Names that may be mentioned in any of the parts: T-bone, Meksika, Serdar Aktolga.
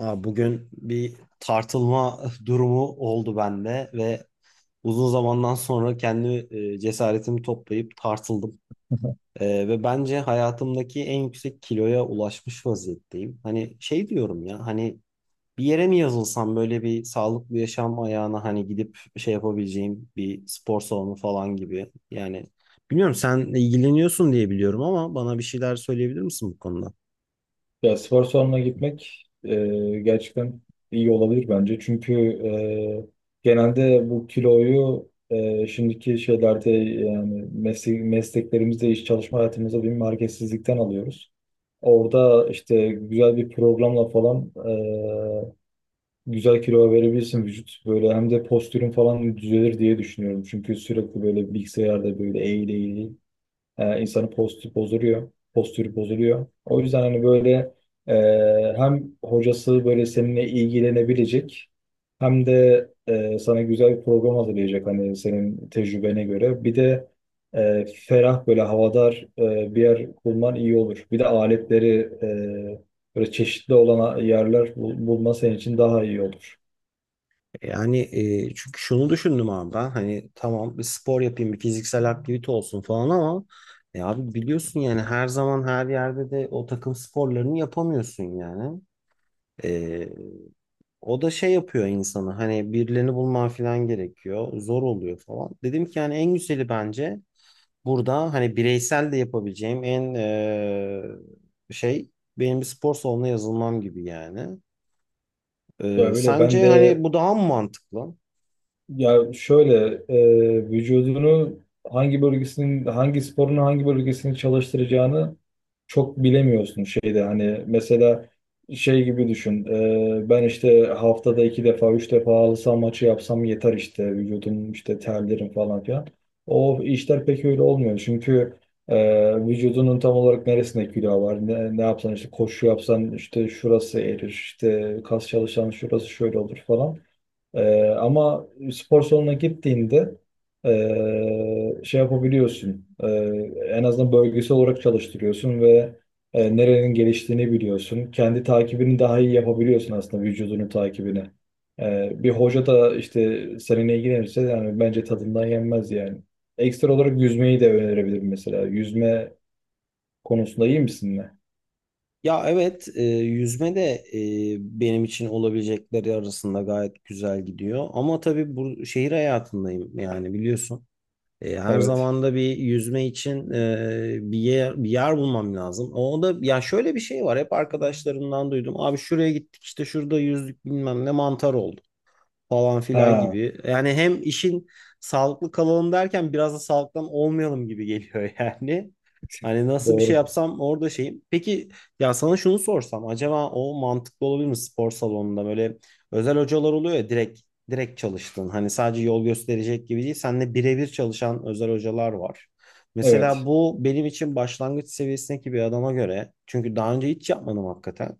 Ha, Bugün bir tartılma durumu oldu bende ve uzun zamandan sonra kendi cesaretimi toplayıp tartıldım. Ve bence hayatımdaki en yüksek kiloya ulaşmış vaziyetteyim. Hani şey diyorum ya, hani bir yere mi yazılsam, böyle bir sağlıklı yaşam ayağına, hani gidip şey yapabileceğim bir spor salonu falan gibi. Yani bilmiyorum, sen ilgileniyorsun diye biliyorum, ama bana bir şeyler söyleyebilir misin bu konuda? Ya spor salonuna gitmek gerçekten iyi olabilir bence. Çünkü genelde bu kiloyu şimdiki şeylerde yani mesleklerimizde, iş çalışma hayatımızda bir marketsizlikten alıyoruz. Orada işte güzel bir programla falan güzel kilo verebilirsin vücut. Böyle hem de postürün falan düzelir diye düşünüyorum. Çünkü sürekli böyle bilgisayarda böyle eğil eğil, E, insanın postü bozuluyor. Postürü bozuluyor. O yüzden hani böyle e, hem hocası böyle seninle ilgilenebilecek hem de sana güzel bir program hazırlayacak hani senin tecrübene göre. Bir de ferah böyle havadar bir yer bulman iyi olur. Bir de aletleri böyle çeşitli olan yerler bulma senin için daha iyi olur. Yani çünkü şunu düşündüm abi, ben hani tamam bir spor yapayım, bir fiziksel aktivite olsun falan, ama abi biliyorsun yani, her zaman her yerde de o takım sporlarını yapamıyorsun yani. E, O da şey yapıyor insanı, hani birilerini bulman falan gerekiyor, zor oluyor falan. Dedim ki yani en güzeli bence burada hani bireysel de yapabileceğim en şey, benim bir spor salonuna yazılmam gibi yani. Ya öyle ben Sence hani de. bu daha mı mantıklı? Ya şöyle, vücudunu hangi bölgesinin hangi sporun hangi bölgesini çalıştıracağını çok bilemiyorsun şeyde, hani mesela şey gibi düşün. Ben işte haftada 2 defa 3 defa halı saha maçı yapsam yeter, işte vücudum işte terlerim falan filan. O işler pek öyle olmuyor, çünkü vücudunun tam olarak neresinde kilo var, ne yapsan, işte koşu yapsan işte şurası erir, işte kas çalışan şurası şöyle olur falan. Ama spor salonuna gittiğinde şey yapabiliyorsun. En azından bölgesel olarak çalıştırıyorsun ve nerenin geliştiğini biliyorsun. Kendi takibini daha iyi yapabiliyorsun aslında, vücudunun takibini. Bir hoca da işte seninle ilgilenirse, yani bence tadından yenmez yani. Ekstra olarak yüzmeyi de önerebilirim mesela. Yüzme konusunda iyi misin? Ya evet, yüzme de benim için olabilecekleri arasında gayet güzel gidiyor. Ama tabii bu şehir hayatındayım yani, biliyorsun. Her Evet. zaman da bir yüzme için bir yer, bir yer bulmam lazım. O da, ya şöyle bir şey var, hep arkadaşlarımdan duydum. Abi şuraya gittik, işte şurada yüzdük, bilmem ne mantar oldu falan filan Ha, gibi. Yani hem işin sağlıklı kalalım derken biraz da sağlıktan olmayalım gibi geliyor yani. Hani nasıl bir şey doğru. yapsam orada şeyim. Peki ya sana şunu sorsam, acaba o mantıklı olabilir mi, spor salonunda böyle özel hocalar oluyor ya, direkt direkt çalıştın. Hani sadece yol gösterecek gibi değil. Seninle birebir çalışan özel hocalar var. Mesela Evet. bu benim için, başlangıç seviyesindeki bir adama göre, çünkü daha önce hiç yapmadım hakikaten.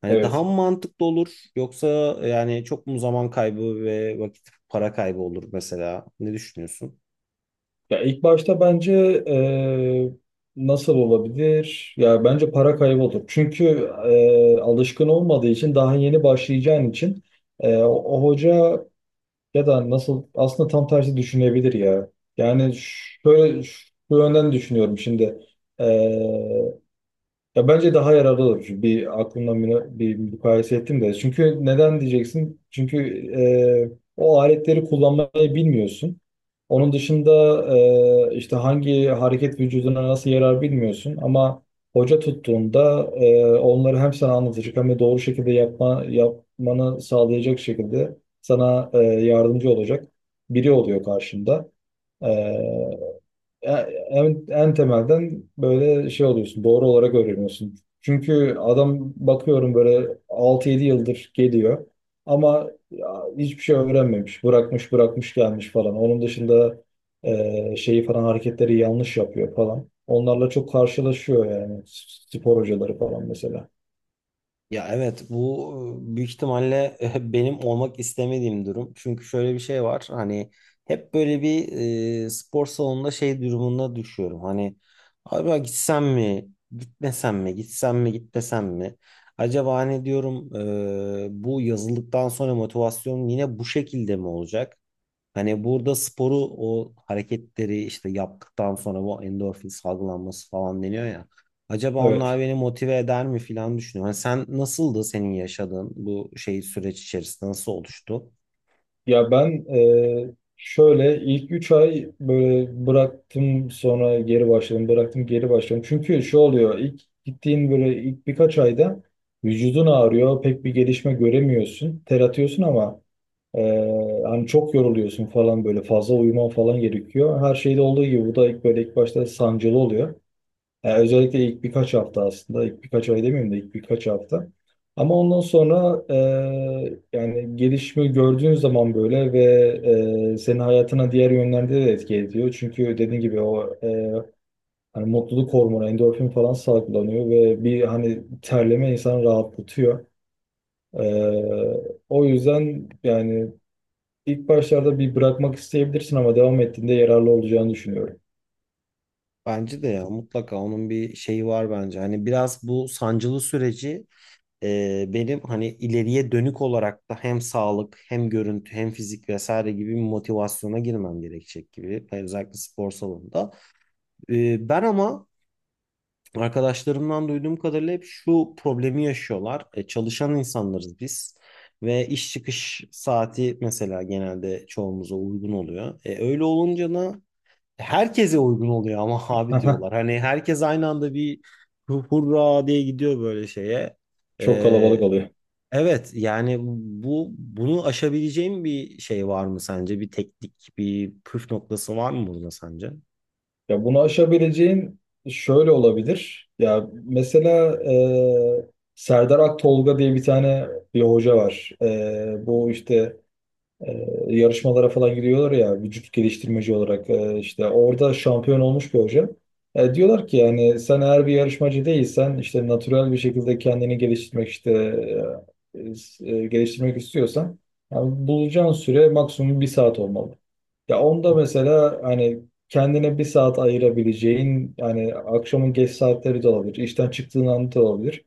Hani daha Evet. mı mantıklı olur yoksa yani çok mu zaman kaybı ve vakit para kaybı olur mesela? Ne düşünüyorsun? Ya ilk başta bence eee, nasıl olabilir? Ya bence para kaybı olur. Çünkü alışkın olmadığı için, daha yeni başlayacağın için, eee, o, o hoca ya da, nasıl, aslında tam tersi düşünebilir ya. Yani şöyle, şu yönden düşünüyorum şimdi. Ya bence daha yararlı olur. Çünkü bir aklımdan bir mukayese ettim de. Çünkü neden diyeceksin? Çünkü o aletleri kullanmayı bilmiyorsun. Onun dışında işte hangi hareket vücuduna nasıl yarar bilmiyorsun. Ama hoca tuttuğunda onları hem sana anlatacak, hem de doğru şekilde yapmanı sağlayacak şekilde sana yardımcı olacak biri oluyor karşında. E, en temelden böyle şey oluyorsun, doğru olarak öğreniyorsun. Çünkü adam bakıyorum böyle 6-7 yıldır geliyor, ama ya hiçbir şey öğrenmemiş. Bırakmış bırakmış gelmiş falan. Onun dışında şeyi falan, hareketleri yanlış yapıyor falan. Onlarla çok karşılaşıyor yani spor hocaları falan mesela. Ya evet, bu büyük ihtimalle benim olmak istemediğim durum. Çünkü şöyle bir şey var, hani hep böyle bir spor salonunda şey durumuna düşüyorum. Hani acaba gitsem mi gitmesem mi, gitsem mi gitmesem mi? Acaba hani diyorum bu yazıldıktan sonra motivasyon yine bu şekilde mi olacak? Hani burada sporu, o hareketleri işte yaptıktan sonra bu endorfin salgılanması falan deniyor ya. Acaba onlar Evet. beni motive eder mi falan düşünüyorum. Hani sen nasıldı, senin yaşadığın bu şey süreç içerisinde nasıl oluştu? Ya ben şöyle ilk 3 ay böyle bıraktım, sonra geri başladım, bıraktım, geri başladım. Çünkü şu oluyor, ilk gittiğin böyle ilk birkaç ayda vücudun ağrıyor, pek bir gelişme göremiyorsun. Ter atıyorsun ama e, hani çok yoruluyorsun falan, böyle fazla uyuman falan gerekiyor. Her şeyde olduğu gibi bu da ilk, böyle ilk başta sancılı oluyor. Yani özellikle ilk birkaç hafta aslında, ilk birkaç ay demeyeyim de ilk birkaç hafta. Ama ondan sonra yani gelişimi gördüğün zaman böyle, ve senin hayatına diğer yönlerde de etki ediyor. Çünkü dediğin gibi o hani mutluluk hormonu, endorfin falan salgılanıyor ve bir hani terleme insanı rahatlatıyor. E, o yüzden yani, İlk başlarda bir bırakmak isteyebilirsin ama devam ettiğinde yararlı olacağını düşünüyorum. Bence de ya mutlaka onun bir şeyi var bence. Hani biraz bu sancılı süreci benim hani ileriye dönük olarak da hem sağlık hem görüntü hem fizik vesaire gibi bir motivasyona girmem gerekecek gibi. Hani özellikle spor salonunda. Ben ama arkadaşlarımdan duyduğum kadarıyla hep şu problemi yaşıyorlar. Çalışan insanlarız biz ve iş çıkış saati mesela genelde çoğumuza uygun oluyor. Öyle olunca da herkese uygun oluyor ama abi Aha. diyorlar. Hani herkes aynı anda bir hurra diye gidiyor böyle şeye. Çok E, kalabalık oluyor. evet yani, bunu aşabileceğim bir şey var mı sence? Bir teknik, bir püf noktası var mı burada sence? Ya bunu aşabileceğin şöyle olabilir. Ya mesela Serdar Aktolga diye bir tane bir hoca var. Bu işte yarışmalara falan gidiyorlar ya, vücut geliştirmeci olarak işte orada şampiyon olmuş bir hoca. Diyorlar ki, yani sen eğer bir yarışmacı değilsen, işte natürel bir şekilde kendini geliştirmek, işte e, geliştirmek istiyorsan yani bulacağın süre maksimum 1 saat olmalı. Ya onda mesela, hani kendine 1 saat ayırabileceğin, yani akşamın geç saatleri de olabilir, işten çıktığın anda da olabilir.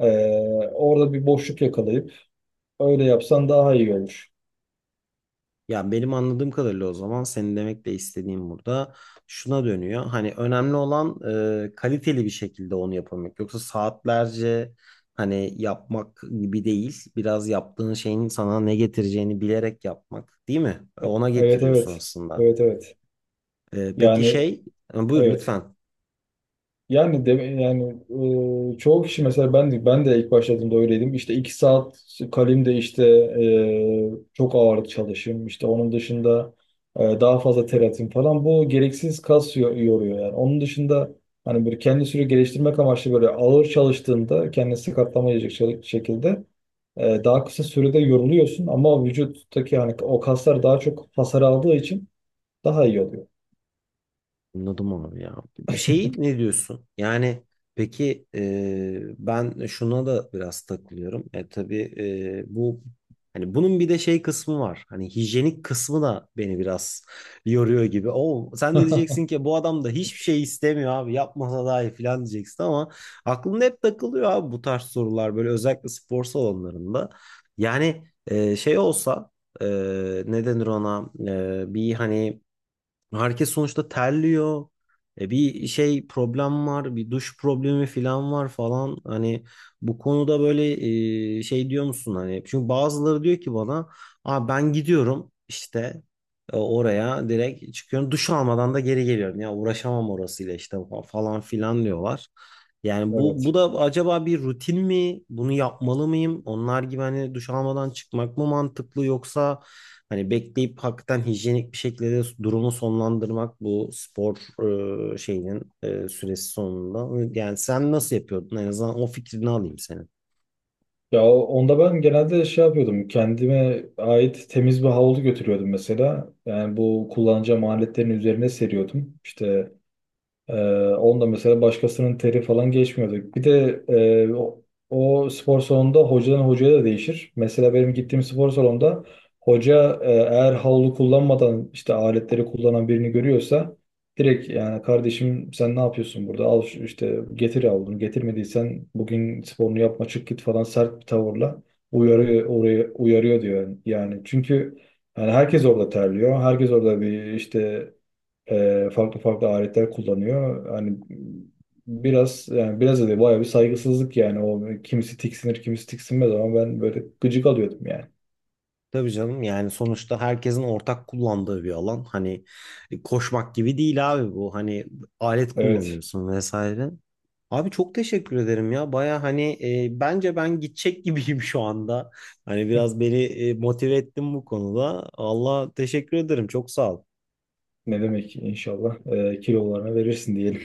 E, orada bir boşluk yakalayıp öyle yapsan daha iyi olur. Ya benim anladığım kadarıyla o zaman senin demek de istediğim burada şuna dönüyor. Hani önemli olan kaliteli bir şekilde onu yapabilmek. Yoksa saatlerce hani yapmak gibi değil. Biraz yaptığın şeyin sana ne getireceğini bilerek yapmak, değil mi? Ona Evet, getiriyorsun evet. aslında. Evet, evet. E, peki Yani, şey, Buyur evet. lütfen. Yani çoğu kişi, mesela ben de ilk başladığımda öyleydim. İşte 2 saat kalemde işte çok ağırlık çalışayım, İşte onun dışında daha fazla ter atayım falan. Bu gereksiz kas yoruyor yani. Onun dışında hani böyle kendi sürekli geliştirmek amaçlı, böyle ağır çalıştığında kendini sakatlamayacak şekilde, daha kısa sürede yoruluyorsun ama vücuttaki hani o kaslar daha çok hasar aldığı için daha iyi oluyor. Anladım abi ya. Bir şey, ne diyorsun? Yani peki, ben şuna da biraz takılıyorum. Tabii, bu hani bunun bir de şey kısmı var. Hani hijyenik kısmı da beni biraz yoruyor gibi. O sen de diyeceksin ki bu adam da hiçbir şey istemiyor abi, yapmasa daha iyi falan diyeceksin, ama aklımda hep takılıyor abi bu tarz sorular, böyle özellikle spor salonlarında. Yani şey olsa e, ne denir ona, bir hani, herkes sonuçta terliyor. E bir şey, problem var, bir duş problemi falan var falan. Hani bu konuda böyle şey diyor musun hani? Çünkü bazıları diyor ki bana, "Aa, ben gidiyorum işte oraya, direkt çıkıyorum. Duş almadan da geri geliyorum. Ya uğraşamam orasıyla işte falan filan" diyorlar. Yani bu Evet. da acaba bir rutin mi? Bunu yapmalı mıyım? Onlar gibi hani duş almadan çıkmak mı mantıklı, yoksa hani bekleyip hakikaten hijyenik bir şekilde durumu sonlandırmak, bu spor şeyinin süresi sonunda. Yani sen nasıl yapıyordun? En azından o fikrini alayım senin. Ya onda ben genelde şey yapıyordum. Kendime ait temiz bir havlu götürüyordum mesela. Yani bu kullanacağım aletlerin üzerine seriyordum İşte Ee, onda mesela başkasının teri falan geçmiyordu. Bir de o spor salonunda hocadan hocaya da değişir. Mesela benim gittiğim spor salonunda hoca eğer havlu kullanmadan işte aletleri kullanan birini görüyorsa direkt, yani, "Kardeşim sen ne yapıyorsun burada? Al işte getir havlunu. Getirmediysen bugün sporunu yapma, çık git," falan, sert bir tavırla uyarıyor, oraya uyarıyor diyor. Yani, çünkü yani herkes orada terliyor. Herkes orada bir işte farklı farklı aletler kullanıyor. Hani biraz, yani biraz da değil, bayağı bir saygısızlık yani. O, kimisi tiksinir, kimisi tiksinmez, ama ben böyle gıcık alıyordum yani. Tabii canım, yani sonuçta herkesin ortak kullandığı bir alan. Hani koşmak gibi değil abi bu. Hani alet Evet. kullanıyorsun vesaire. Abi çok teşekkür ederim ya. Baya hani bence ben gidecek gibiyim şu anda. Hani biraz beni motive ettin bu konuda. Allah teşekkür ederim. Çok sağ ol. Ne demek, inşallah. Kilolarına verirsin diyelim.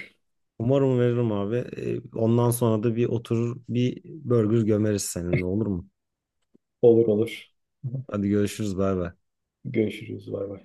Umarım veririm abi. Ondan sonra da bir oturur bir burger gömeriz seninle, olur mu? Olur, olur. Hadi görüşürüz, bay bay. Görüşürüz. Bay bay.